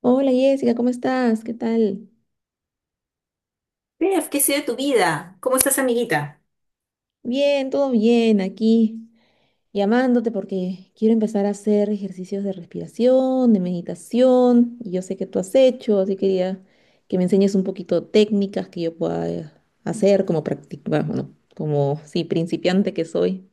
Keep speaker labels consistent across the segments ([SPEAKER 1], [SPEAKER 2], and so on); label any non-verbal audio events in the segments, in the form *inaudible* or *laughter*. [SPEAKER 1] Hola Jessica, ¿cómo estás? ¿Qué tal?
[SPEAKER 2] Steph, ¿qué ha sido de tu vida? ¿Cómo estás, amiguita?
[SPEAKER 1] Bien, todo bien, aquí llamándote porque quiero empezar a hacer ejercicios de respiración, de meditación, y yo sé que tú has hecho, así quería que me enseñes un poquito técnicas que yo pueda hacer como practicar, bueno, como sí, principiante que soy.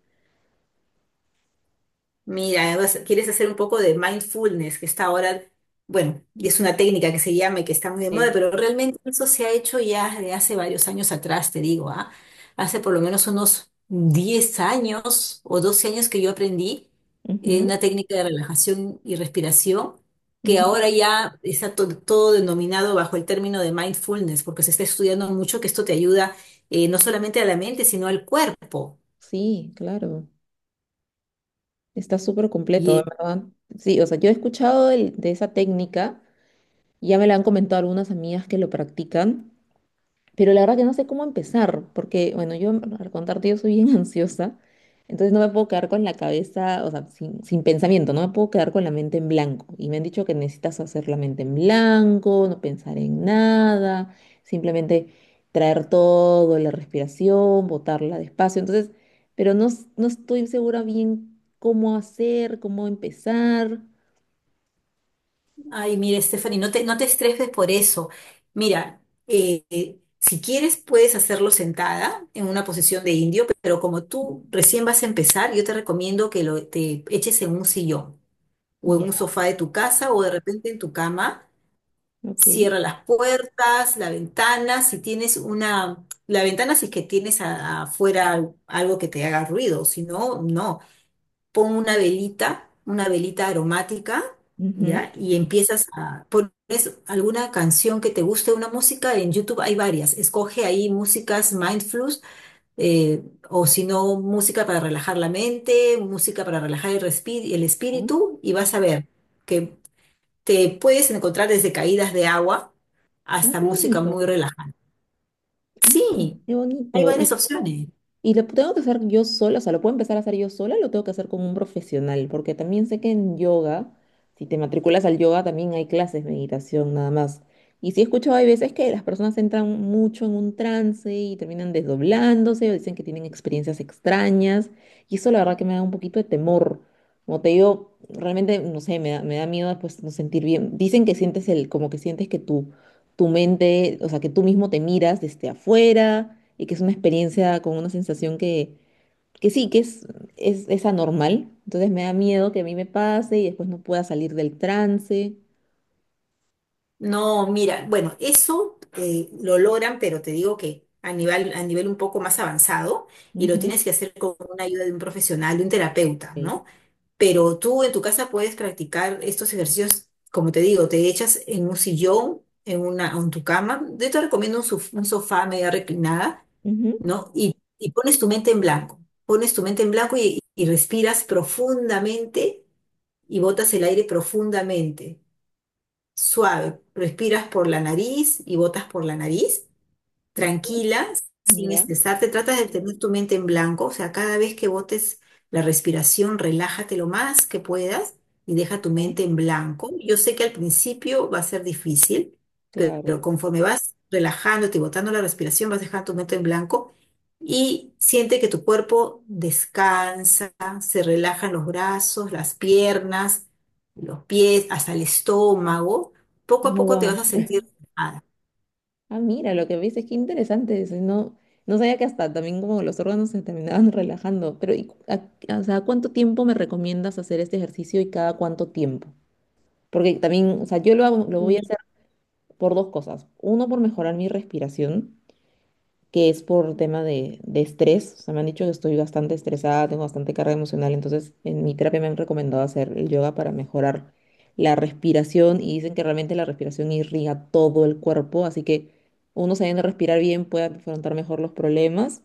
[SPEAKER 2] Mira, quieres hacer un poco de mindfulness, que está ahora, bueno, y es una técnica que se llama, y que está muy de moda,
[SPEAKER 1] Sí.
[SPEAKER 2] pero realmente eso se ha hecho ya de hace varios años atrás, te digo, ¿ah? Hace por lo menos unos 10 años o 12 años que yo aprendí una
[SPEAKER 1] Ujú,
[SPEAKER 2] técnica de relajación y respiración, que
[SPEAKER 1] ujú.
[SPEAKER 2] ahora ya está todo denominado bajo el término de mindfulness, porque se está estudiando mucho que esto te ayuda no solamente a la mente, sino al cuerpo.
[SPEAKER 1] Sí, claro. Está súper completo, en
[SPEAKER 2] Y,
[SPEAKER 1] ¿verdad? Sí, o sea, yo he escuchado de esa técnica, y ya me la han comentado algunas amigas que lo practican. Pero la verdad que no sé cómo empezar, porque, bueno, yo, al contarte, yo soy bien *laughs* ansiosa, entonces no me puedo quedar con la cabeza, o sea, sin pensamiento, no me puedo quedar con la mente en blanco. Y me han dicho que necesitas hacer la mente en blanco, no pensar en nada, simplemente traer todo, la respiración, botarla despacio. Entonces, pero no, no estoy segura bien cómo hacer, cómo empezar.
[SPEAKER 2] ay, mira, Stephanie, no te estreses por eso. Mira, si quieres puedes hacerlo sentada en una posición de indio, pero como tú recién vas a empezar, yo te recomiendo que lo, te eches en un sillón o en
[SPEAKER 1] Ya,
[SPEAKER 2] un sofá de tu casa o de repente en tu cama.
[SPEAKER 1] ok.
[SPEAKER 2] Cierra las puertas, la ventana, si tienes una, la ventana si es que tienes afuera algo que te haga ruido, si no, no. Pon una velita aromática,
[SPEAKER 1] Ujú.
[SPEAKER 2] ¿ya? Y empiezas a pones alguna canción que te guste, una música, en YouTube hay varias, escoge ahí músicas mindfulness, eh, o si no, música para relajar la mente, música para relajar el, el
[SPEAKER 1] Ah,
[SPEAKER 2] espíritu, y vas a ver que te puedes encontrar desde caídas de agua
[SPEAKER 1] ay,
[SPEAKER 2] hasta
[SPEAKER 1] qué
[SPEAKER 2] música
[SPEAKER 1] bonito.
[SPEAKER 2] muy relajada.
[SPEAKER 1] Ah,
[SPEAKER 2] Sí,
[SPEAKER 1] qué
[SPEAKER 2] hay
[SPEAKER 1] bonito.
[SPEAKER 2] varias opciones.
[SPEAKER 1] Y lo tengo que hacer yo sola, o sea, lo puedo empezar a hacer yo sola, lo tengo que hacer con un profesional, porque también sé que en yoga, si te matriculas al yoga, también hay clases de meditación nada más. Y sí he escuchado, hay veces que las personas entran mucho en un trance y terminan desdoblándose o dicen que tienen experiencias extrañas. Y eso la verdad que me da un poquito de temor. Como te digo, realmente, no sé, me da miedo después no sentir bien. Dicen que sientes el, como que sientes que tú tu mente, o sea, que tú mismo te miras desde afuera y que es una experiencia con una sensación que sí, es anormal. Entonces me da miedo que a mí me pase y después no pueda salir del trance.
[SPEAKER 2] No, mira, bueno, eso lo logran, pero te digo que a nivel un poco más avanzado y lo
[SPEAKER 1] Ujú.
[SPEAKER 2] tienes que hacer con una ayuda de un profesional, de un terapeuta,
[SPEAKER 1] Sí.
[SPEAKER 2] ¿no? Pero tú en tu casa puedes practicar estos ejercicios, como te digo, te echas en un sillón, en una, en tu cama. Yo te recomiendo un sofá media reclinada,
[SPEAKER 1] Ujú.
[SPEAKER 2] ¿no? Y pones tu mente en blanco, pones tu mente en blanco y respiras profundamente y botas el aire profundamente. Suave, respiras por la nariz y botas por la nariz
[SPEAKER 1] Ok.
[SPEAKER 2] tranquila, sin
[SPEAKER 1] Ya,
[SPEAKER 2] estresarte. Trata de tener tu mente en blanco, o sea, cada vez que botes la respiración, relájate lo más que puedas y deja tu
[SPEAKER 1] ya,
[SPEAKER 2] mente en blanco. Yo sé que al principio va a ser difícil,
[SPEAKER 1] claro.
[SPEAKER 2] pero, conforme vas relajándote y botando la respiración, vas dejando tu mente en blanco y siente que tu cuerpo descansa, se relajan los brazos, las piernas, los pies, hasta el estómago. Poco a poco te
[SPEAKER 1] Wow.
[SPEAKER 2] vas a sentir relajada.
[SPEAKER 1] Ah, mira, lo que ves es que interesante. Eso, no, no sabía que hasta también como los órganos se terminaban *laughs* relajando. Pero, ¿y o sea, ¿cuánto tiempo me recomiendas hacer este ejercicio y cada cuánto tiempo? Porque también, o sea, lo voy a hacer por dos cosas. Uno, por mejorar mi respiración, que es por tema de estrés. O sea, me han dicho que estoy bastante estresada, tengo bastante carga emocional. Entonces, en mi terapia me han recomendado hacer el yoga para mejorar la respiración y dicen que realmente la respiración irriga todo el cuerpo. Así que uno sabiendo respirar bien puede afrontar mejor los problemas.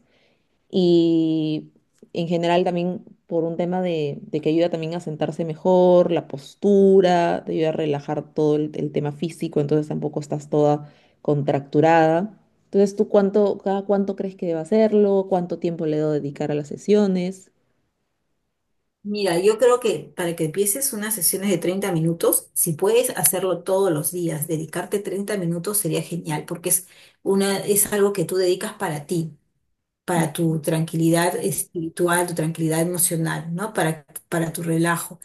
[SPEAKER 1] Y en general también por un tema de que ayuda también a sentarse mejor, la postura, te ayuda a relajar todo el tema físico, entonces tampoco estás toda contracturada. Entonces, ¿tú cuánto, cada cuánto crees que debo hacerlo? ¿Cuánto tiempo le debo dedicar a las sesiones?
[SPEAKER 2] Mira, yo creo que para que empieces unas sesiones de 30 minutos, si puedes hacerlo todos los días, dedicarte 30 minutos sería genial, porque es una, es algo que tú dedicas para ti, para
[SPEAKER 1] Mm,
[SPEAKER 2] tu tranquilidad espiritual, tu tranquilidad emocional, ¿no? Para tu relajo.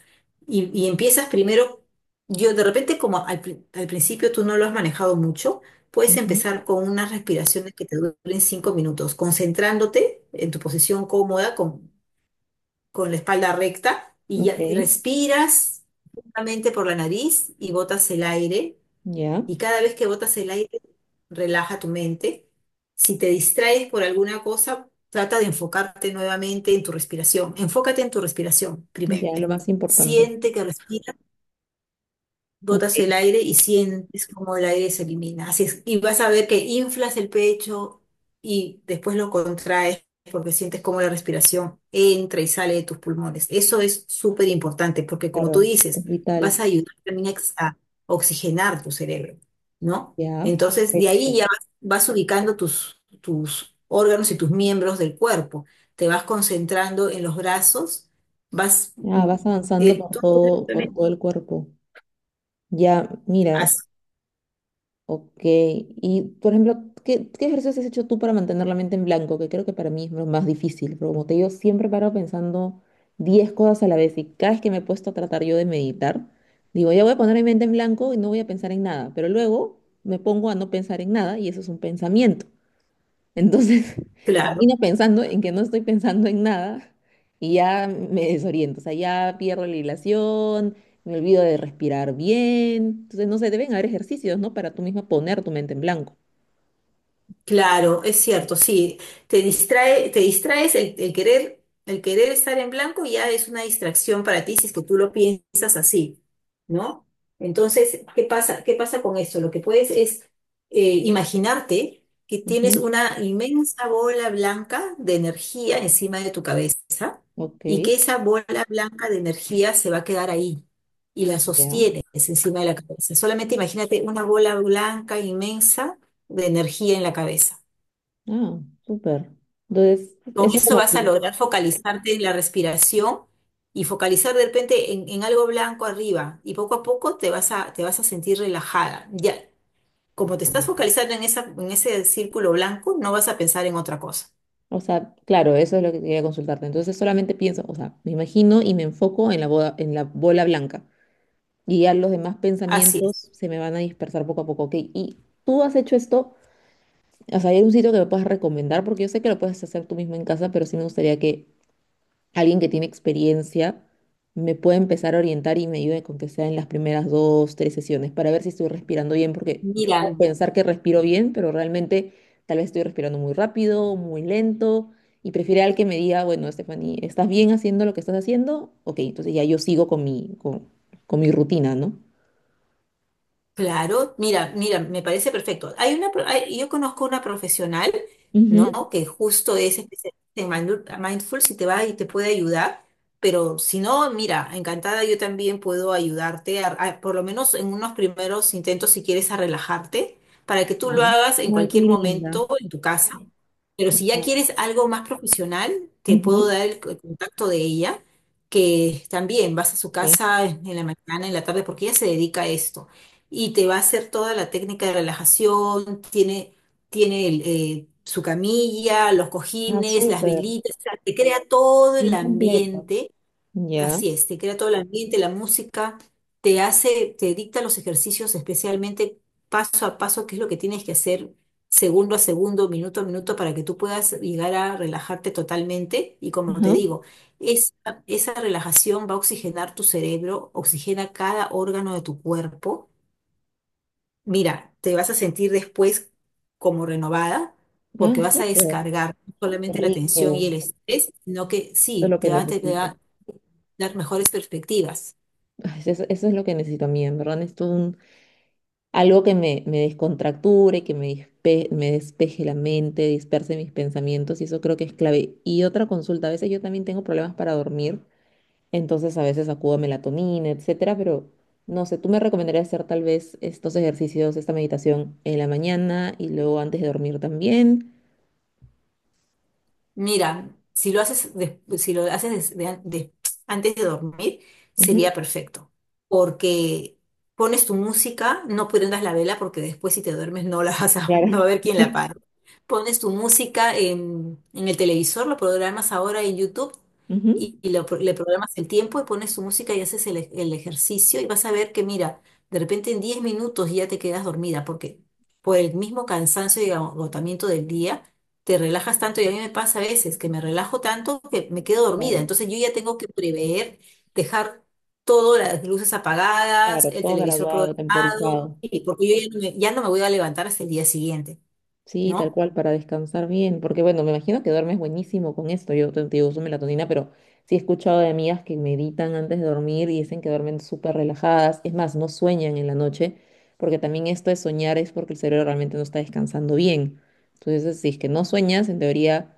[SPEAKER 2] Y empiezas primero, yo de repente como al principio tú no lo has manejado mucho, puedes
[SPEAKER 1] ujú.
[SPEAKER 2] empezar con unas respiraciones que te duren 5 minutos, concentrándote en tu posición cómoda, con la espalda recta y
[SPEAKER 1] Ok,
[SPEAKER 2] respiras profundamente por la nariz y botas el aire.
[SPEAKER 1] ya,
[SPEAKER 2] Y cada vez que botas el aire, relaja tu mente. Si te distraes por alguna cosa, trata de enfocarte nuevamente en tu respiración. Enfócate en tu respiración primero.
[SPEAKER 1] ya, lo más importante.
[SPEAKER 2] Siente que respiras,
[SPEAKER 1] Ok,
[SPEAKER 2] botas el aire y sientes como el aire se elimina. Así es, y vas a ver que inflas el pecho y después lo contraes porque sientes como la respiración entra y sale de tus pulmones. Eso es súper importante porque como tú
[SPEAKER 1] claro, es
[SPEAKER 2] dices,
[SPEAKER 1] vital.
[SPEAKER 2] vas a ayudar también a, a oxigenar tu cerebro, ¿no?
[SPEAKER 1] Ya,
[SPEAKER 2] Entonces, de ahí
[SPEAKER 1] perfecto.
[SPEAKER 2] ya vas, vas ubicando tus, tus órganos y tus miembros del cuerpo. Te vas concentrando en los brazos, vas...
[SPEAKER 1] Ah,
[SPEAKER 2] mm,
[SPEAKER 1] vas avanzando
[SPEAKER 2] el, todo,
[SPEAKER 1] por todo el cuerpo. Ya, mira,
[SPEAKER 2] así,
[SPEAKER 1] ok, y por ejemplo, qué ejercicios has hecho tú para mantener la mente en blanco? Que creo que para mí es lo más difícil, pero como te digo, siempre paro pensando 10 cosas a la vez y cada vez que me he puesto a tratar yo de meditar, digo, ya voy a poner mi mente en blanco y no voy a pensar en nada, pero luego me pongo a no pensar en nada y eso es un pensamiento. Entonces, *laughs*
[SPEAKER 2] claro.
[SPEAKER 1] termino pensando en que no estoy pensando en nada y ya me desoriento, o sea, ya pierdo la hilación, me olvido de respirar bien. Entonces, no sé, deben haber ejercicios, ¿no? Para tú misma poner tu mente en blanco.
[SPEAKER 2] Claro, es cierto, sí, te distrae, te distraes el querer estar en blanco ya es una distracción para ti si es que tú lo piensas así, ¿no? Entonces, ¿qué pasa? ¿Qué pasa con esto? Lo que puedes es imaginarte que tienes
[SPEAKER 1] Ujú,
[SPEAKER 2] una inmensa bola blanca de energía encima de tu cabeza
[SPEAKER 1] ok,
[SPEAKER 2] y que esa bola blanca de energía se va a quedar ahí y la
[SPEAKER 1] ya.
[SPEAKER 2] sostienes encima de la cabeza. Solamente imagínate una bola blanca inmensa de energía en la cabeza.
[SPEAKER 1] Ah, súper. Entonces,
[SPEAKER 2] Con
[SPEAKER 1] eso
[SPEAKER 2] eso
[SPEAKER 1] como
[SPEAKER 2] vas a
[SPEAKER 1] que,
[SPEAKER 2] lograr focalizarte en la respiración y focalizar de repente en algo blanco arriba y poco a poco te vas a sentir relajada. Ya, como te estás focalizando en esa, en ese círculo blanco, no vas a pensar en otra cosa.
[SPEAKER 1] o sea, claro, eso es lo que quería consultarte. Entonces, solamente pienso, o sea, me imagino y me enfoco en en la bola blanca. Y ya los demás
[SPEAKER 2] Así es.
[SPEAKER 1] pensamientos se me van a dispersar poco a poco. Ok, ¿y tú has hecho esto? O sea, ¿hay algún sitio que me puedas recomendar? Porque yo sé que lo puedes hacer tú mismo en casa, pero sí me gustaría que alguien que tiene experiencia me pueda empezar a orientar y me ayude con que sea en las primeras dos, tres sesiones para ver si estoy respirando bien, porque yo
[SPEAKER 2] Mira,
[SPEAKER 1] puedo pensar que respiro bien, pero realmente tal vez estoy respirando muy rápido, muy lento, y prefiero al que me diga, bueno, Stephanie, ¿estás bien haciendo lo que estás haciendo? Ok, entonces ya yo sigo con mi, con mi rutina, ¿no?
[SPEAKER 2] claro, me parece perfecto. Hay una, yo conozco una profesional,
[SPEAKER 1] Ujú.
[SPEAKER 2] ¿no? Que justo es especialista en mindful, si te va y te puede ayudar, pero si no, mira, encantada, yo también puedo ayudarte, por lo menos en unos primeros intentos, si quieres, a relajarte, para que tú lo
[SPEAKER 1] Ah,
[SPEAKER 2] hagas en
[SPEAKER 1] ay, qué
[SPEAKER 2] cualquier
[SPEAKER 1] linda.
[SPEAKER 2] momento en tu casa. Pero si ya
[SPEAKER 1] Ya.
[SPEAKER 2] quieres algo más profesional, te puedo
[SPEAKER 1] Ujú.
[SPEAKER 2] dar el contacto de ella, que también vas a su
[SPEAKER 1] Ok.
[SPEAKER 2] casa en la mañana, en la tarde, porque ella se dedica a esto y te va a hacer toda la técnica de relajación, tiene, tiene el, su camilla, los
[SPEAKER 1] Ah,
[SPEAKER 2] cojines, las
[SPEAKER 1] súper.
[SPEAKER 2] velitas, o sea, te crea todo el
[SPEAKER 1] Bien completo.
[SPEAKER 2] ambiente,
[SPEAKER 1] Ya.
[SPEAKER 2] así es, te crea todo el ambiente, la música, te hace, te dicta los ejercicios especialmente paso a paso, qué es lo que tienes que hacer segundo a segundo, minuto a minuto, para que tú puedas llegar a relajarte totalmente. Y como te
[SPEAKER 1] Ajá.
[SPEAKER 2] digo, esa, esa relajación va a oxigenar tu cerebro, oxigena cada órgano de tu cuerpo. Mira, te vas a sentir después como renovada
[SPEAKER 1] Ah,
[SPEAKER 2] porque vas a
[SPEAKER 1] súper.
[SPEAKER 2] descargar no solamente la tensión y
[SPEAKER 1] Rico.
[SPEAKER 2] el estrés, sino que
[SPEAKER 1] Eso es
[SPEAKER 2] sí,
[SPEAKER 1] lo que
[SPEAKER 2] te va
[SPEAKER 1] necesito.
[SPEAKER 2] a dar mejores perspectivas.
[SPEAKER 1] Ay, eso es lo que necesito a mí, en verdad. Necesito un, algo que me descontracture, que me, me despeje la mente, disperse mis pensamientos, y eso creo que es clave. Y otra consulta, a veces yo también tengo problemas para dormir, entonces a veces acudo a melatonina, etcétera, pero no sé, ¿tú me recomendarías hacer tal vez estos ejercicios, esta meditación en la mañana y luego antes de dormir también?
[SPEAKER 2] Mira, si lo haces, si lo haces antes de dormir, sería perfecto, porque pones tu música, no prendas la vela porque después si te duermes no la vas a, *laughs*
[SPEAKER 1] Claro.
[SPEAKER 2] no va a haber quien la
[SPEAKER 1] *laughs*
[SPEAKER 2] apague. Pones tu música en el televisor, lo programas ahora en YouTube
[SPEAKER 1] Ujú.
[SPEAKER 2] y le programas el tiempo y pones tu música y haces el, el ejercicio y vas a ver que, mira, de repente en 10 minutos ya te quedas dormida porque por el mismo cansancio y agotamiento del día te relajas tanto y a mí me pasa a veces que me relajo tanto que me quedo dormida.
[SPEAKER 1] Claro,
[SPEAKER 2] Entonces yo ya tengo que prever, dejar todas las luces apagadas,
[SPEAKER 1] claro,
[SPEAKER 2] el
[SPEAKER 1] todo
[SPEAKER 2] televisor
[SPEAKER 1] graduado,
[SPEAKER 2] programado,
[SPEAKER 1] temporizado.
[SPEAKER 2] y porque yo ya no me voy a levantar hasta el día siguiente,
[SPEAKER 1] Sí, tal
[SPEAKER 2] ¿no?
[SPEAKER 1] cual, para descansar bien. Porque bueno, me imagino que duermes buenísimo con esto. Yo te, te digo, uso melatonina, pero sí he escuchado de amigas que meditan antes de dormir y dicen que duermen súper relajadas. Es más, no sueñan en la noche, porque también esto de soñar es porque el cerebro realmente no está descansando bien. Entonces, si es que no sueñas, en teoría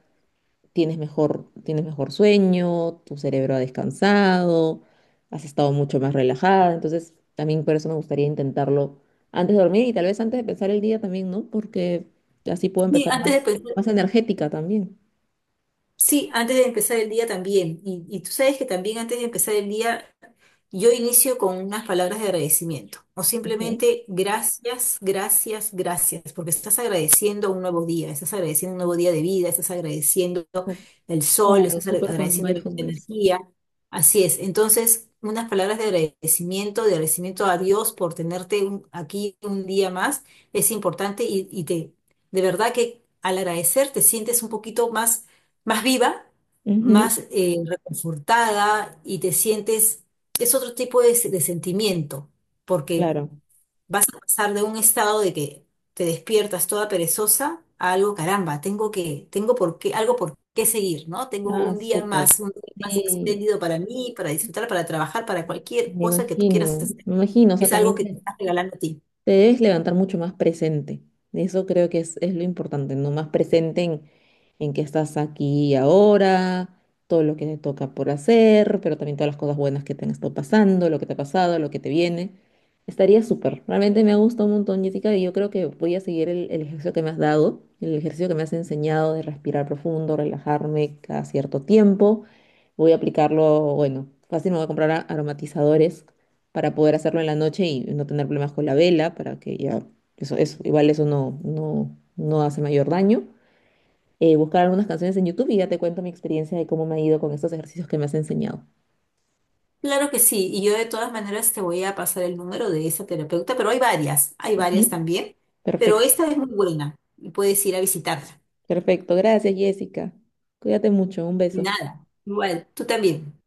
[SPEAKER 1] tienes mejor sueño, tu cerebro ha descansado, has estado mucho más relajada. Entonces, también por eso me gustaría intentarlo antes de dormir y tal vez antes de empezar el día también, ¿no? Porque así puedo
[SPEAKER 2] Sí,
[SPEAKER 1] empezar más, más energética también.
[SPEAKER 2] sí, antes de empezar el día también. Y tú sabes que también antes de empezar el día yo inicio con unas palabras de agradecimiento o
[SPEAKER 1] Ok.
[SPEAKER 2] simplemente gracias, gracias, gracias, porque estás agradeciendo un nuevo día, estás agradeciendo un nuevo día de vida, estás agradeciendo
[SPEAKER 1] Oh,
[SPEAKER 2] el sol,
[SPEAKER 1] claro,
[SPEAKER 2] estás
[SPEAKER 1] súper con
[SPEAKER 2] agradeciendo la
[SPEAKER 1] mindfulness.
[SPEAKER 2] energía. Así es. Entonces, unas palabras de agradecimiento a Dios por tenerte aquí un día más, es importante y te, de verdad que al agradecer te sientes un poquito más, más viva,
[SPEAKER 1] Ujú,
[SPEAKER 2] más reconfortada y te sientes es otro tipo de, de sentimiento, porque
[SPEAKER 1] claro.
[SPEAKER 2] vas a pasar de un estado de que te despiertas toda perezosa a algo, caramba, tengo que, tengo por qué, algo por qué seguir, ¿no? Tengo
[SPEAKER 1] Ah, súper.
[SPEAKER 2] un día más
[SPEAKER 1] Sí,
[SPEAKER 2] espléndido para mí, para disfrutar, para trabajar, para cualquier
[SPEAKER 1] me
[SPEAKER 2] cosa que tú quieras
[SPEAKER 1] imagino.
[SPEAKER 2] hacer.
[SPEAKER 1] Me imagino, o sea,
[SPEAKER 2] Es algo
[SPEAKER 1] también
[SPEAKER 2] que te estás regalando a ti.
[SPEAKER 1] te debes levantar mucho más presente. Eso creo que es lo importante, ¿no? Más presente en que estás aquí y ahora, todo lo que te toca por hacer, pero también todas las cosas buenas que te han estado pasando, lo que te ha pasado, lo que te viene. Estaría súper. Realmente me ha gustado un montón, Jessica, y yo creo que voy a seguir el ejercicio que me has dado, el ejercicio que me has enseñado de respirar profundo, relajarme cada cierto tiempo. Voy a aplicarlo, bueno, fácil me voy a comprar aromatizadores para poder hacerlo en la noche y no tener problemas con la vela, para que ya, igual eso no, no, no hace mayor daño. Buscar algunas canciones en YouTube y ya te cuento mi experiencia de cómo me ha ido con estos ejercicios que me has enseñado.
[SPEAKER 2] Claro que sí, y yo de todas maneras te voy a pasar el número de esa terapeuta, pero hay varias
[SPEAKER 1] Ujú.
[SPEAKER 2] también, pero
[SPEAKER 1] Perfecto,
[SPEAKER 2] esta es muy buena y puedes ir a visitarla.
[SPEAKER 1] perfecto. Gracias, Jessica. Cuídate mucho. Un
[SPEAKER 2] Y
[SPEAKER 1] beso.
[SPEAKER 2] nada, igual, tú también.